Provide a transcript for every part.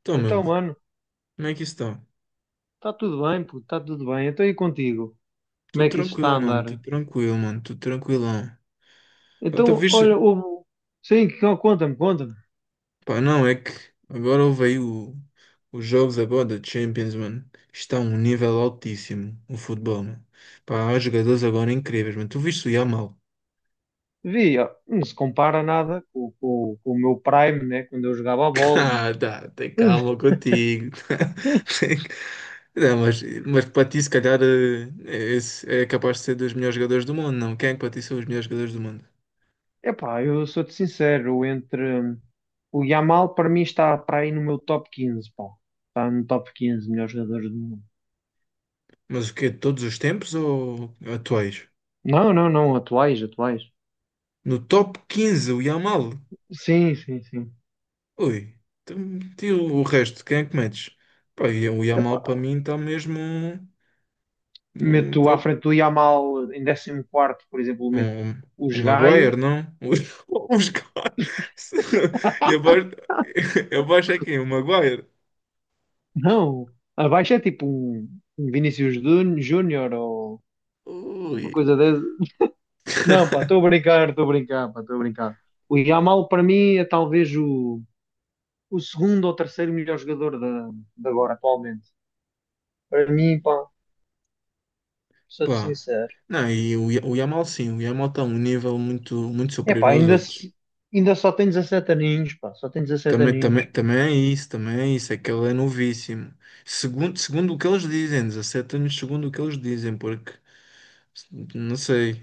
Então, meu, Então, mano, como é que isso está? está tudo bem, puto, está tudo bem. Então, e contigo? Como Tudo é que isso está a tranquilo, mano, tudo andar? tranquilo, mano, tudo tranquilão. Ah, tá Então, viste? olha, houve... Sim, conta-me, conta-me. Pá, não, é que agora houve aí os jogos agora da Champions, mano. Está a um nível altíssimo o futebol, mano. Pá, há jogadores agora incríveis, mano. Tu viste o Yamal? Vi, ó, não se compara nada com o meu Prime, né? Quando eu jogava a bola. Ah, tá, tem Mas... calma contigo. Tem- Não, mas para ti, se calhar, esse é capaz de ser dos melhores jogadores do mundo, não? Quem é que para ti são os melhores jogadores do mundo? Epá, eu sou-te sincero, o Yamal, para mim, está para aí no meu top 15, pá. Está no top 15 melhores jogadores do mundo. Mas o quê? De todos os tempos ou atuais? Não, não, não, atuais, atuais. No top 15 o Yamal. Sim, sim, sim. Ui, então, e o resto, quem é que metes? Pá, e o Yamal para mim está mesmo no Meto à top. frente do Yamal em 14º, por exemplo, meto Um o um Maguire, Gaio. não? Uns caras. E abaixo, abaixo é quem? O Maguire? Não, abaixo é tipo um Vinícius Júnior ou Ui, uma coisa dessa. Não, pá, estou a brincar, pá, estou a brincar. O Yamal para mim é talvez o segundo ou terceiro melhor jogador de agora, atualmente. Para mim, pá, sou-te pá. sincero. Não, o Yamal sim, o Yamal está a um nível muito, muito É pá, superior aos ainda, outros. se- ainda só tem 17 aninhos, pá, só tem 17 Também, aninhos. também, também é isso, é que ele é novíssimo. Segundo, segundo o que eles dizem, 17 anos, segundo o que eles dizem, porque não sei,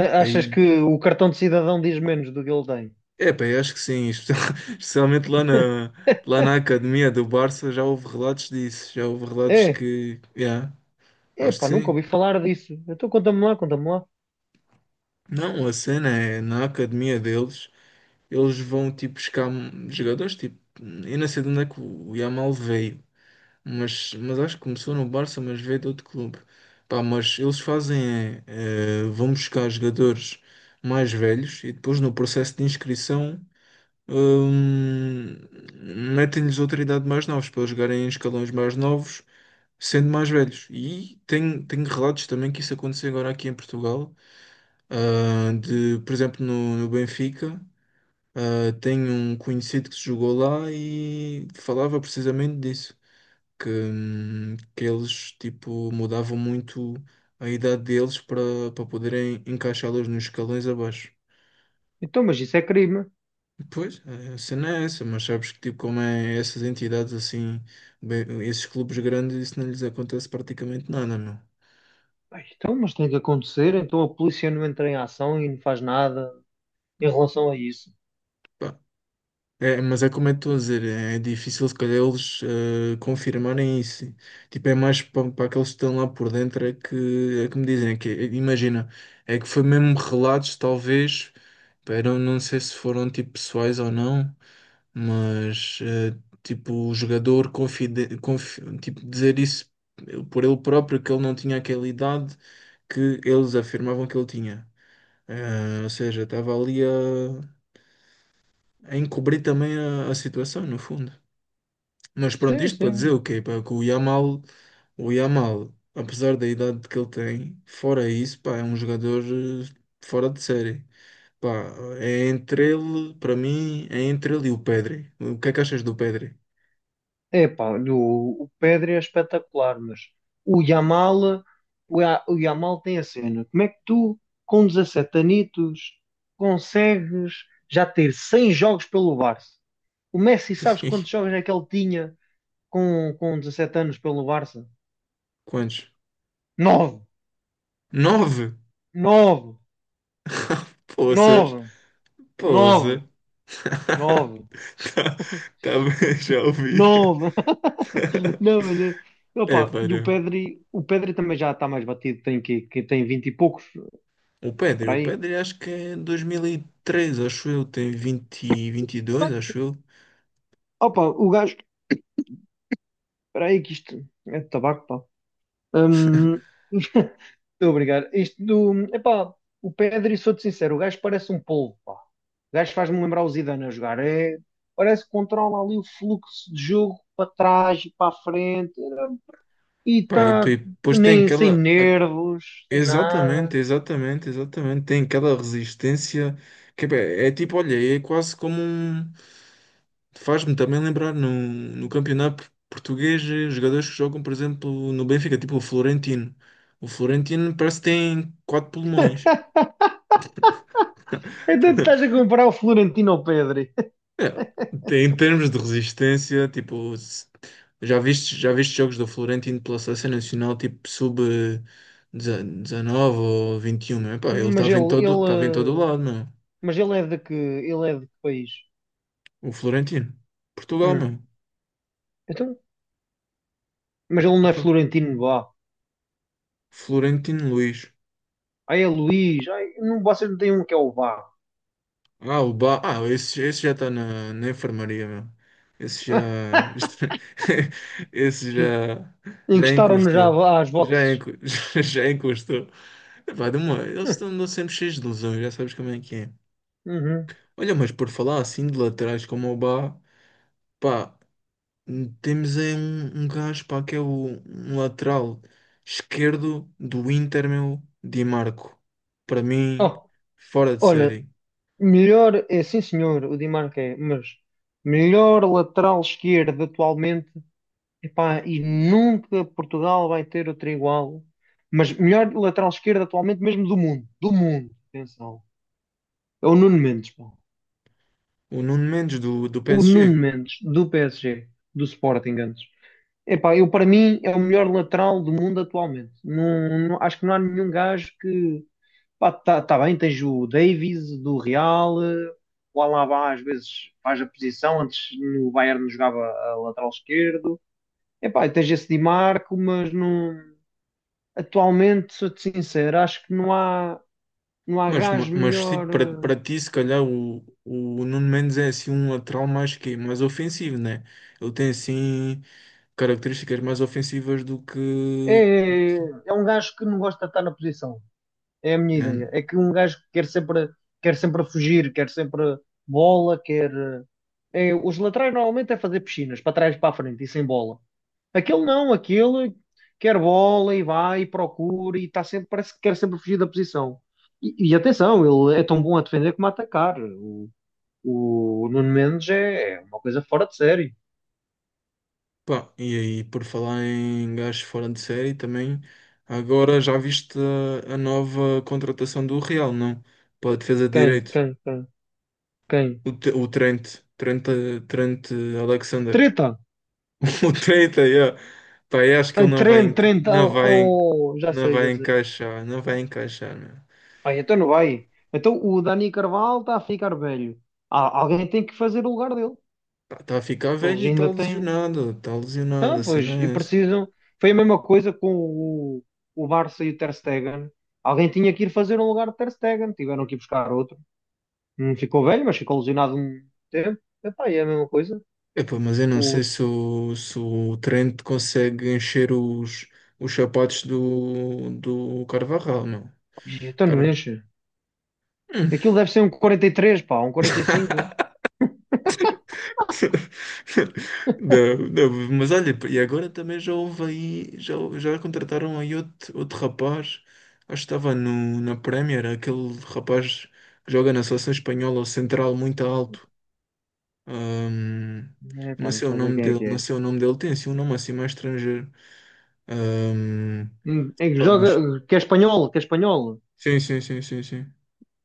Achas aí, que o cartão de cidadão diz menos do que ele tem? epá, eu acho que sim, especialmente lá na academia do Barça já houve relatos disso, já houve relatos É. que, yeah, acho que Epá, nunca sim. ouvi falar disso. Então conta-me lá, conta-me lá. Não, a cena é na academia deles, eles vão tipo buscar jogadores, tipo, eu não sei de onde é que o Yamal veio, mas acho que começou no Barça, mas veio de outro clube. Pá, mas eles fazem, vão buscar jogadores mais velhos e depois no processo de inscrição hum, metem-lhes outra idade mais novos para eles jogarem em escalões mais novos, sendo mais velhos. E tenho, tenho relatos também que isso aconteceu agora aqui em Portugal, ah, de, por exemplo, no Benfica. Ah, tenho um conhecido que se jogou lá e falava precisamente disso que eles tipo mudavam muito a idade deles para poderem encaixá-los nos escalões abaixo. Então, mas isso é crime. Pois, a cena é essa, mas sabes que tipo como é essas entidades assim, bem, esses clubes grandes, isso não lhes acontece praticamente nada, meu. Ai, então, mas tem que acontecer. Então a polícia não entra em ação e não faz nada em relação a isso. Pá, é, mas é como eu estou a dizer, é difícil se calhar eles confirmarem isso. Tipo, é mais para aqueles que estão lá por dentro é que me dizem, é que, é- imagina, é que foi mesmo relatos, talvez, era, não sei se foram tipo pessoais ou não, mas tipo, o jogador tipo, dizer isso por ele próprio, que ele não tinha aquela idade que eles afirmavam que ele tinha. Eh, ou seja, estava ali a encobrir também a situação, no fundo. Mas pronto, Sim, isto para dizer o sim. quê? Pá, que o Yamal, apesar da idade que ele tem, fora isso, pá, é um jogador fora de série. Pá, é entre ele, para mim, é entre ele e o Pedri. O que é que achas do Pedri? Epá, o Pedri é espetacular, mas o Yamal, o Yamal tem a cena. Como é que tu, com 17 anitos, consegues já ter 100 jogos pelo Barça? O Messi, sabes quantos jogos é que ele tinha com 17 anos pelo Barça? Quantos? Nove! Nove! Nove! Poças, Nove, nove, poça. nove, Tá, tá bem, já ouvi. nove. Não, mas É, opa, e para. O Pedri também já está mais batido, tem que tem vinte e poucos, por O aí. Pedri acho que é 2003, acho eu, tem 20, 22, acho eu. Opa, o gajo, espera aí que isto é de tabaco, pá. Hum, Estou a brigar. Epá, o Pedri, sou-te sincero, o gajo parece um polvo, pá. O gajo faz-me lembrar o Zidane a jogar. É, parece que controla ali o fluxo de jogo para trás e para a frente. E Pá, e está, depois tem nem sem aquela. nervos, sem nada. Exatamente, exatamente, exatamente. Tem aquela resistência que é tipo, olha, é quase como um. Faz-me também lembrar no campeonato português jogadores que jogam, por exemplo, no Benfica, tipo o Florentino. O Florentino parece que tem quatro pulmões. Então estás a comparar o Florentino ao Pedri. É, em termos de resistência, tipo, se- já viste jogos do Florentino pela seleção nacional, tipo, sub 19 ou 21 meu? Pá, ele Mas ele, estava em todo ele, eh, lado, meu. mas ele é de que, ele é de que país? O Florentino. Portugal, Hum. meu. Então, mas ele não é Então, Florentino Vá. Florentino Luís. Ai, é Luís. Ai, não, vocês não têm um que é o Vá. Ah, o ba... Ah, esse já está na, na enfermaria, meu. Esse já. Esse já. Já Encostaram-nos encostou. já às Já, boxes. enco... já encostou. Epá, de uma... Eles estão andam sempre cheios de ilusões, já sabes como é que é. Uhum. Olha, mas por falar assim de laterais como o Bá, pá, temos aí um gajo, pá, que é o um lateral esquerdo do Inter, meu, Di Marco. Para mim, Oh, fora de olha, série. melhor, é sim senhor, o Di Marco é, mas melhor lateral esquerdo atualmente. Epá, e nunca Portugal vai ter outro igual. Mas melhor lateral esquerdo atualmente mesmo do mundo. Do mundo, atenção. É o Nuno Mendes, pá. O Nuno Mendes do O Nuno PSG. Mendes, do PSG, do Sporting antes. Epá, eu para mim é o melhor lateral do mundo atualmente. Não, acho que não há nenhum gajo que... Pá, tá, tá bem, tens o Davies do Real, o Alaba às vezes faz a posição, antes no Bayern jogava a lateral esquerdo. Epá, e tens esse Di Marco, mas não. Atualmente, sou-te sincero, acho que não há Mas, ma- gajo mas tipo, melhor. para, para ti, se calhar, o Nuno Mendes é assim um lateral mais ofensivo, né? Ele tem assim características mais ofensivas do É, que. é é um gajo que não gosta de estar na posição. É a minha É, ideia. É que um gajo que quer sempre fugir, quer sempre bola, quer. Os laterais normalmente é fazer piscinas, para trás e para a frente, e sem bola. Aquele não, aquele quer bola e vai e procura e está sempre, parece que quer sempre fugir da posição. E atenção, ele é tão bom a defender como a atacar. O Nuno Mendes é uma coisa fora de série. pá, e aí, por falar em gajos fora de série também, agora já viste a nova contratação do Real, não? Para a defesa de Quem? direito, Quem? Quem? Quem? o Trent Alexander. Treta! O treta, yeah. Pá, eu acho que Ai, ele Trent, Trent. Oh, oh, já não sei, vai já sei. encaixar, não vai encaixar, meu. Ai, então não vai. Então o Dani Carvalho está a ficar velho. Ah, alguém tem que fazer o lugar dele. Está a ficar velho Eles e ainda têm. Está lesionado, Então, a pois, e cena é essa. precisam. Foi a mesma coisa com o Barça e o Ter Stegen. Alguém tinha que ir fazer um lugar de Ter Stegen. Tiveram que ir buscar outro. Não ficou velho, mas ficou lesionado um tempo. Epá, e é a mesma coisa. Epá, mas eu não O... sei se o Trent consegue encher os sapatos do, do Carvajal, meu. Então não Cara. enche. Hum. Aquilo deve ser um 43 pá, um quarenta e cinco Não, não, mas olha, e agora também já houve aí, já, já contrataram aí outro, outro rapaz, acho que estava no, na Premier, aquele rapaz que joga na seleção espanhola, o central muito alto. Ahm, Epá, não não sei o estou a ver nome quem é dele, que não é. sei o nome dele, tem assim um nome assim mais estrangeiro. Ahm, É que pá, joga, mas- que é espanhol, que é espanhol. Sim, sim, sim, sim, sim.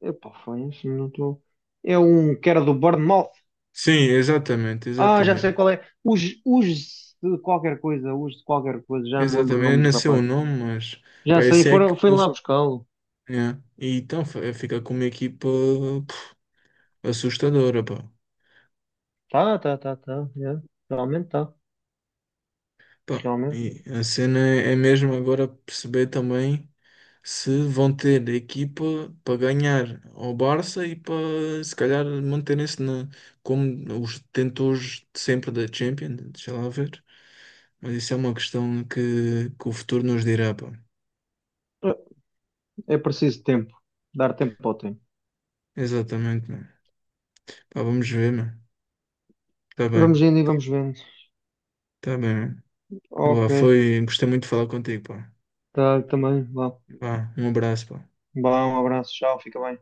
Epá, foi isso, não estou. É um que era do Bournemouth. Sim, exatamente, Ah, já sei exatamente. qual é. Os de qualquer coisa, os de qualquer coisa, já não me lembro o Exatamente, eu nome do não sei o rapaz. nome, mas pá, Já eu sei, sei que fui lá eles. buscá-lo. E então fica com uma equipa assustadora, pá. Tá, tá, tá, tá. Yeah, realmente tá. Pá, Realmente. e a cena é mesmo agora perceber também se vão ter equipa para ganhar ao Barça e para se calhar manterem-se na, como os detentores de sempre da Champions, deixa lá ver. Mas isso é uma questão que o futuro nos dirá, pá. É é preciso tempo. Dar tempo ao tempo. Exatamente, mano. Pá, vamos ver, mano. Tá bem, Vamos indo e vamos vendo. tá bem, mano. Tá, lá, Ok. foi, gostei muito de falar contigo, pá. Tá, também. Vá. Vá, um abraço, pá. Vá, um abraço. Tchau, fica bem.